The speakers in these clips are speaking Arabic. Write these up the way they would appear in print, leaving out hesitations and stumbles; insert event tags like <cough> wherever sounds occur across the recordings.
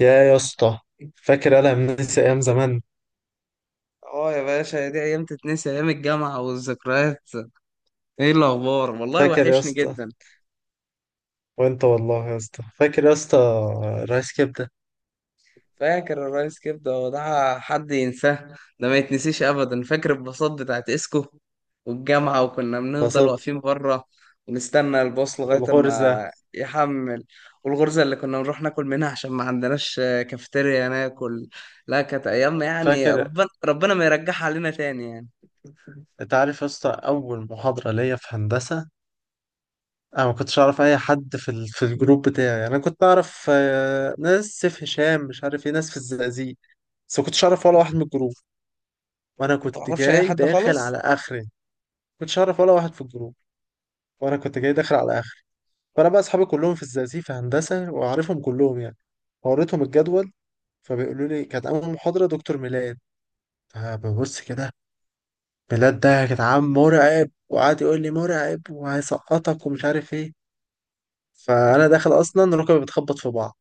يا اسطى، فاكر انا منسي ايام زمان؟ اه يا باشا، دي ايام تتنسي. ايام الجامعه والذكريات، ايه الاخبار؟ والله فاكر يا وحشني اسطى؟ جدا. وانت والله يا اسطى، فاكر يا اسطى؟ رايس كبده. فاكر الرئيس كبده؟ هو ده حد ينساه؟ ده ما يتنسيش ابدا. فاكر الباصات بتاعت اسكو والجامعه، وكنا بنفضل بصب. واقفين بره ونستنى الباص لغايه والغرزه. اما يحمل. والغرزه اللي كنا نروح ناكل منها عشان ما عندناش كافيتيريا ناكل. لا، كانت ايام، يعني فاكر؟ ربنا ما يرجعها علينا تاني يعني. انت عارف يا اسطى، اول محاضره ليا في هندسه، انا ما كنتش اعرف اي حد في الجروب بتاعي. انا كنت اعرف ناس سيف هشام مش عارف ايه، ناس في الزقازيق. بس ما كنتش اعرف ولا واحد من الجروب، وانا ما كنت تعرفش اي جاي حد داخل على خالص. اخري. ما كنتش اعرف ولا واحد في الجروب، وانا كنت جاي داخل على اخري. فانا بقى اصحابي كلهم في الزقازيق في هندسه، واعرفهم كلهم يعني. فوريتهم الجدول، فبيقولوا لي كانت اول محاضره دكتور ميلاد. فببص كده، ميلاد ده يا جدعان مرعب، وقعد يقول لي مرعب وهيسقطك ومش عارف ايه. فانا داخل اصلا ركبي بتخبط في بعض.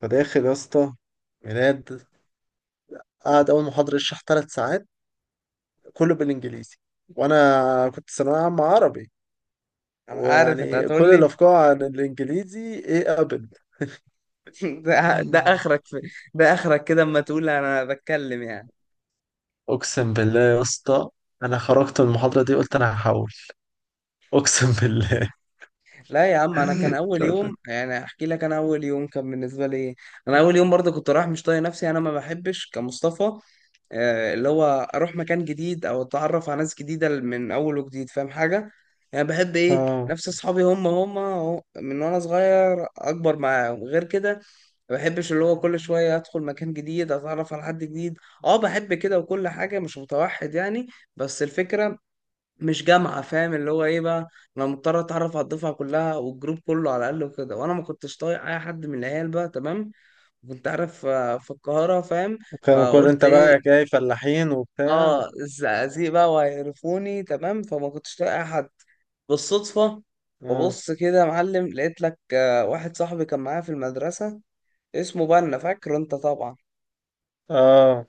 فداخل يا اسطى ميلاد، قعد اول محاضره يشرح ثلاث ساعات، كله بالانجليزي. وانا كنت ثانويه عامه عربي، انا عارف انت ويعني كل هتقول. الافكار عن الانجليزي ايه؟ <laughs> ده ابدا. اخرك في، ده اخرك كده اما تقول انا بتكلم يعني. اقسم بالله يا اسطى، انا خرجت من المحاضره دي قلت انا هحول. اقسم بالله. لا يا عم، انا كان اول <laughs> يوم يعني. احكي لك، انا اول يوم كان بالنسبه لي إيه. انا اول يوم برضه كنت رايح مش طايق نفسي. انا ما بحبش، كمصطفى، اللي هو اروح مكان جديد او اتعرف على ناس جديده من اول وجديد، فاهم حاجه؟ يعني بحب ايه؟ اه. نفس اصحابي، هم أهو، من وانا صغير اكبر معاهم، غير كده ما بحبش. اللي هو كل شويه ادخل مكان جديد، اتعرف على حد جديد، اه بحب كده وكل حاجه، مش متوحد يعني. بس الفكره، مش جامعة فاهم اللي هو ايه بقى؟ انا مضطر اتعرف على الدفعة كلها والجروب كله على الاقل وكده. وانا ما كنتش طايق اي حد من العيال بقى، تمام؟ كنت عارف في القاهرة، فاهم؟ كانوا كل فقلت انت ايه؟ بقى جاي فلاحين وبتاع. اه، الزقازيق بقى، وهيعرفوني تمام، فما كنتش طايق اي حد. بالصدفة اه. ببص كده يا معلم، لقيت لك واحد صاحبي كان معايا في المدرسة. اسمه بنا، فاكره انت طبعا. اه،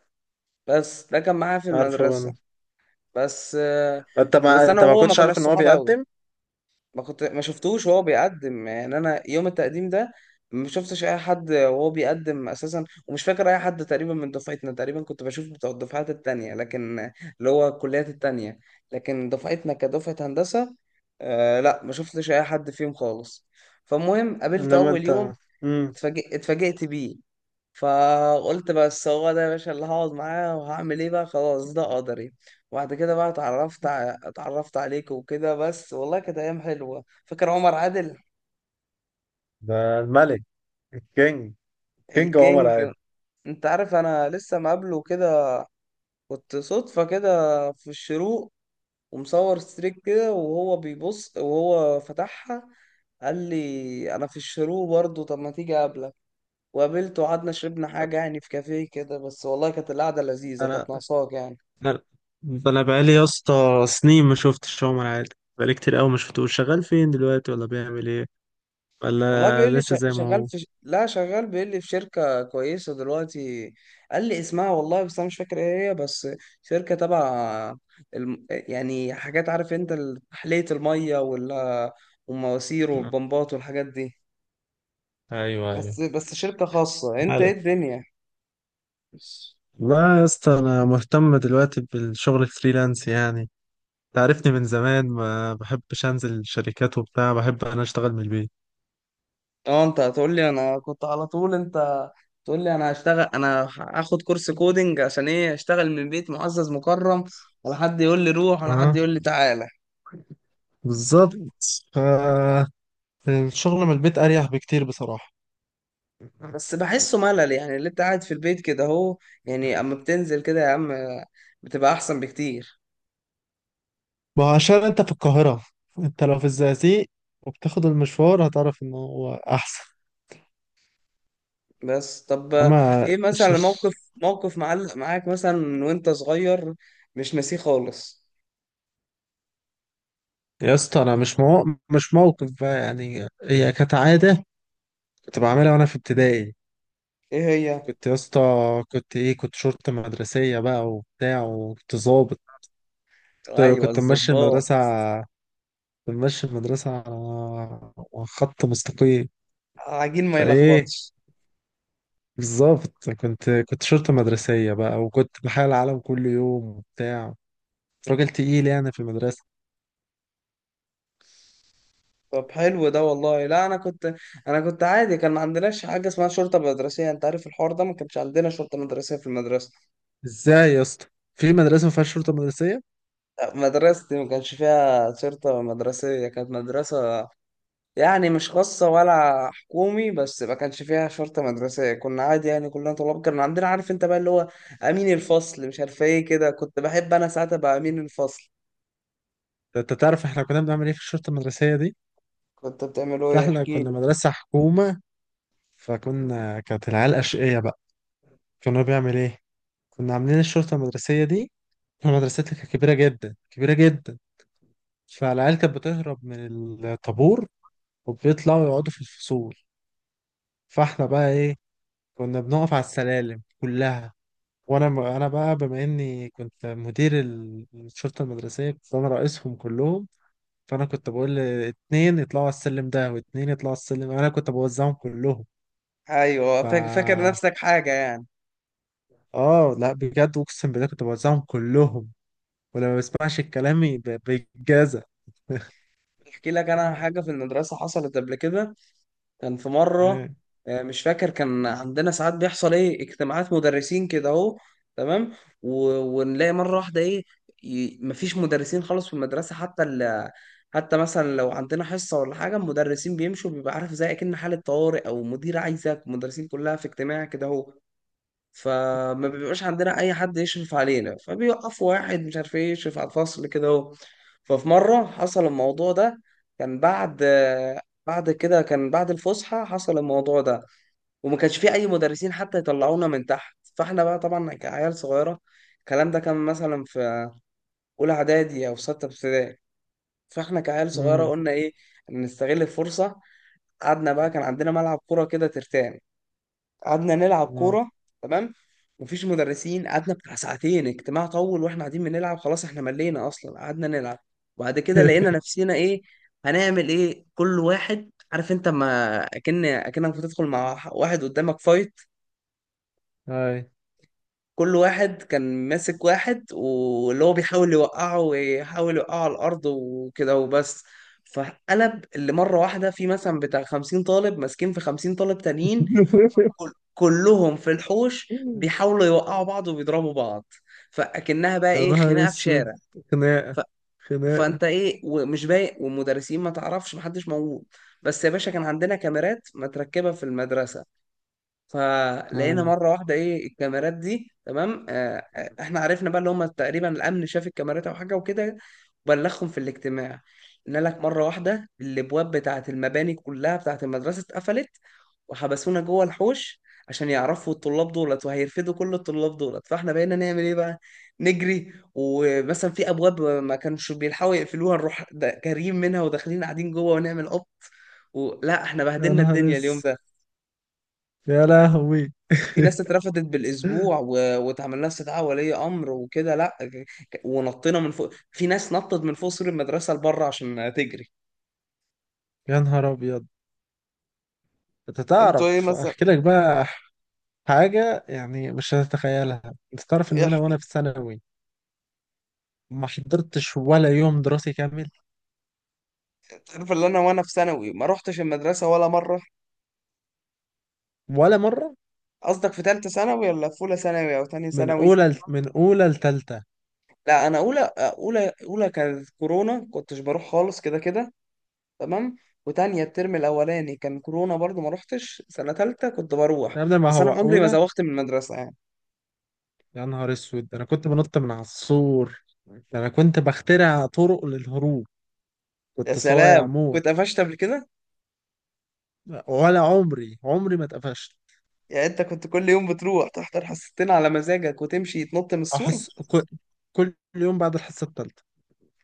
بس ده كان معايا في عارفه المدرسة انا. بس. انت بس ما انا وهو ما كنتش كناش عارف ان هو صحاب قوي. بيقدم. ما كنت، ما شفتوش وهو بيقدم يعني. انا يوم التقديم ده ما شفتش اي حد وهو بيقدم اساسا، ومش فاكر اي حد تقريبا من دفعتنا. تقريبا كنت بشوف بتوع الدفعات التانية، لكن اللي هو الكليات التانية. لكن دفعتنا كدفعة هندسة، آه لا، ما شفتش اي حد فيهم خالص. فالمهم قابلته انما اول انت. يوم، امم اتفاجئت بيه. فقلت بس، هو ده يا باشا اللي هقعد معاه، وهعمل ايه بقى؟ خلاص ده قدري. وبعد كده بقى اتعرفت عليك وكده. بس والله كانت ايام حلوه. فاكر عمر عادل؟ ده الملك، الكينج. كينج عمر الكينج. عادل. انت عارف انا لسه مقابله كده؟ كنت صدفه كده في الشروق، ومصور ستريك كده، وهو بيبص وهو فتحها. قال لي انا في الشروق برضه، طب ما تيجي اقابلك؟ وقابلته وقعدنا شربنا حاجه يعني، في كافيه كده. بس والله كانت القعده لذيذه، انا كانت ناقصاك يعني. انا انا بقالي يا اسطى سنين ما شفتش عمر عادل، بقالي كتير قوي ما شفتوش. شغال فين دلوقتي؟ ولا بيعمل ايه؟ والله ولا بيقول لي لسه زي ما شغال هو؟ في ش... لا، شغال. بيقول لي في شركة كويسة دلوقتي. قال لي اسمها والله بس أنا مش فاكر إيه هي. بس شركة تبع الم... يعني حاجات، عارف أنت، تحلية المية، وال... والمواسير آه. والبمبات والحاجات دي. ايوه، ايوه. بس بس شركة خاصة. أنت إيه مالك؟ الدنيا؟ لا يا اسطى، انا مهتم دلوقتي بالشغل الفريلانس يعني. تعرفني من زمان، ما بحبش انزل شركات وبتاع، بحب انا اشتغل من البيت. أه، أنت هتقول لي أنا كنت على طول. أنت تقول لي أنا هشتغل، أنا هاخد كورس كودينج عشان إيه؟ أشتغل من بيت، معزز مكرم، ولا حد يقول لي روح، ولا حد اه، يقول لي تعالى. بالظبط. ف الشغل من البيت اريح بكتير بصراحة. بس بحسه ملل، يعني اللي انت قاعد في البيت كده اهو. يعني اما بتنزل كده يا عم، بتبقى احسن بكتير. ما هو عشان انت في القاهرة، انت لو في الزقازيق وبتاخد المشوار هتعرف انه هو احسن. بس طب، اما ايه ش- مثلا موقف معلق معاك مثلا من وانت صغير، مش ناسيه خالص؟ يا اسطى انا مش موقف بقى يعني، هي كانت عادة كنت بعملها وانا في ابتدائي. ايه هي؟ كنت يا اسطى، كنت شرطة مدرسية بقى وبتاع وكنت ظابط. كنت ايوه، كنت ماشي الظباط. المدرسة، كنت ماشي المدرسة على خط مستقيم. عجين ما فايه؟ يلخبطش. بالظبط، كنت شرطة مدرسية بقى، وكنت بحال العالم كل يوم وبتاع. كنت راجل تقيل يعني في المدرسة. طب حلو ده والله. لا انا كنت، انا كنت عادي. كان ما عندناش حاجه اسمها شرطه مدرسيه. انت عارف الحوار ده، ما كانش عندنا شرطه مدرسيه في المدرسه. ازاي يا اسطى في مدرسة ما فيهاش شرطة مدرسية؟ مدرستي ما كانش فيها شرطه مدرسيه. كانت مدرسه يعني مش خاصة ولا حكومي، بس ما كانش فيها شرطة مدرسية. كنا عادي يعني، كلنا طلاب. كان عندنا، عارف انت بقى، اللي هو أمين الفصل، مش عارف ايه كده. كنت بحب أنا ساعتها بقى أمين الفصل. ده انت تعرف احنا كنا بنعمل ايه في الشرطة المدرسية دي؟ كنت بتعملوا لا، ايه؟ احنا احكي كنا لي. مدرسة حكومة، فكنا كانت العيال أشقية بقى. كنا بيعمل ايه؟ كنا عاملين الشرطة المدرسية دي، مدرستي كانت كبيرة جدا كبيرة جدا. فالعيال كانت بتهرب من الطابور وبيطلعوا يقعدوا في الفصول. فاحنا بقى ايه؟ كنا بنقف على السلالم كلها. وانا بقى بما اني كنت مدير الشرطة المدرسية، كنت انا رئيسهم كلهم. فانا كنت بقول اتنين يطلعوا على السلم ده واتنين يطلعوا على السلم، انا كنت بوزعهم كلهم. أيوه، ف فاكر نفسك حاجة يعني. اه لا، بجد اقسم بالله كنت بوزعهم كلهم، ولما بسمعش كلامي بيتجازى. احكي لك أنا حاجة في المدرسة حصلت قبل كده. كان في مرة، ايه؟ مش فاكر، كان عندنا ساعات بيحصل ايه، اجتماعات مدرسين كده اهو، تمام. و... ونلاقي مرة واحدة ايه، مفيش مدرسين خالص في المدرسة. حتى حتى مثلا لو عندنا حصة ولا حاجة المدرسين بيمشوا. بيبقى عارف، زي اكن حالة طوارئ، او مدير عايزك، المدرسين كلها في اجتماع كده اهو. فما بيبقاش عندنا اي حد يشرف علينا، فبيوقفوا واحد مش عارف ايه يشرف على الفصل كده اهو. ففي مره حصل الموضوع ده، كان بعد، بعد كده، كان بعد الفسحه حصل الموضوع ده. وما كانش في اي مدرسين حتى يطلعونا من تحت، فاحنا بقى طبعا كعيال صغيره. الكلام ده كان مثلا في اولى اعدادي او سته ابتدائي. فاحنا كعيال صغيره امم. قلنا ايه؟ نستغل الفرصه. قعدنا بقى، كان عندنا ملعب كوره كده ترتان، قعدنا نلعب اه. كورة، تمام. مفيش مدرسين، قعدنا بتاع ساعتين اجتماع طول، واحنا قاعدين بنلعب. خلاص، احنا ملينا اصلا، قعدنا نلعب. وبعد كده لقينا <laughs> نفسنا ايه؟ هنعمل ايه؟ كل واحد، عارف انت، ما اكنك بتدخل مع واحد قدامك فايت. هاي. كل واحد كان ماسك واحد، واللي هو بيحاول يوقعه، ويحاول يوقعه على الارض وكده وبس. فقلب اللي مره واحده، في مثلا بتاع 50 طالب ماسكين في 50 طالب تانيين، <laughs> كلهم في الحوش بيحاولوا يوقعوا بعض وبيضربوا بعض. فاكنها بقى يا ايه، نهار خناقه في اسود. شارع. خناقة، ف... خناقة. فانت ايه ومش بايق، والمدرسين ما تعرفش، محدش موجود. بس يا باشا، كان عندنا كاميرات متركبه في المدرسه. فلقينا اه. مره واحده ايه، الكاميرات دي، تمام. احنا عرفنا بقى، اللي هم تقريبا الامن شاف الكاميرات او حاجه وكده، وبلغهم في الاجتماع. قلنا لك مره واحده، الابواب بتاعه المباني كلها بتاعه المدرسه اتقفلت، وحبسونا جوه الحوش، عشان يعرفوا الطلاب دولت وهيرفدوا كل الطلاب دولت. فاحنا بقينا نعمل ايه بقى؟ نجري، ومثلا في ابواب ما كانش بيلحقوا يقفلوها، نروح جاريين منها وداخلين قاعدين جوه ونعمل قط. ولا احنا يا بهدلنا نهار الدنيا اليوم اسود. ده. يا لهوي. في ناس اترفضت بالاسبوع <laughs> واتعمل لها استدعاء ولي امر وكده. لا ك- ك- ونطينا من فوق. في ناس نطت من فوق سور المدرسه لبره عشان تجري. يا نهار ابيض. انت انتوا ايه تعرف مثلا؟ احكي لك بقى حاجة يعني مش هتتخيلها. انت تعرف ان إيه انا ح- وانا في ثانوي ما حضرتش ولا يوم دراسي كامل؟ تعرف اللي انا وانا في ثانوي، ما روحتش المدرسه ولا مره؟ ولا مرة. قصدك في ثالثه ثانوي، ولا في اولى ثانوي او ثانيه من ثانوي؟ اولى من اولى لتالتة. لا انا اولى، اولى كانت كورونا، كنتش بروح خالص كده كده، تمام. وتانية الترم الاولاني كان كورونا برضو، ما روحتش. سنه ثالثه كنت بروح، يا ابني ما بس هو انا عمري ما اولى. زوغت من المدرسه يعني. يا نهار اسود، ده انا كنت بنط من على السور، ده انا كنت بخترع طرق للهروب. يا كنت صايع سلام، موت. كنت قفشت قبل كده؟ ولا عمري ما اتقفشت. يعني انت كنت كل يوم بتروح تحضر حصتين على مزاجك، وتمشي تنط من السور؟ احس كل كل يوم بعد الحصه الثالثه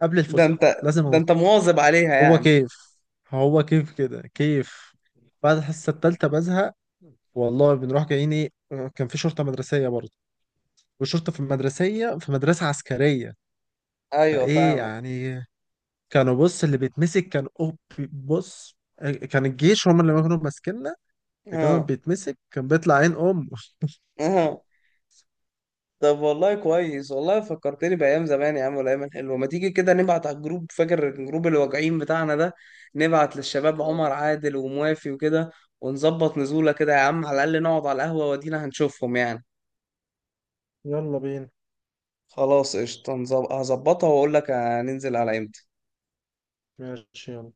قبل ده الفسحه انت، لازم ده انط. انت مواظب عليها هو يعني. كيف هو كيف كده كيف. بعد الحصه الثالثه بزهق، والله بنروح جايين ايه. كان في شرطه مدرسيه برضه، والشرطه في المدرسيه في مدرسه عسكريه. ايوه، فايه فاهمك. يعني؟ كانوا بص، اللي بيتمسك كان اوب. بص، كان الجيش هم اللي كانوا ماسكيننا. اللي كانوا اه، بيتمسك كان بيطلع عين امه. اه. طب والله كويس، والله فكرتني بايام زمان يا عم والايام الحلوه. ما تيجي كده نبعت على الجروب، فاكر الجروب الواجعين بتاعنا ده؟ نبعت للشباب عمر آه. عادل وموافي وكده، ونظبط نزوله كده يا عم. على الاقل نقعد على القهوه ودينا هنشوفهم يعني. يلا بينا. خلاص قشطه، هظبطها واقول لك هننزل على امتى. ماشي، يلا.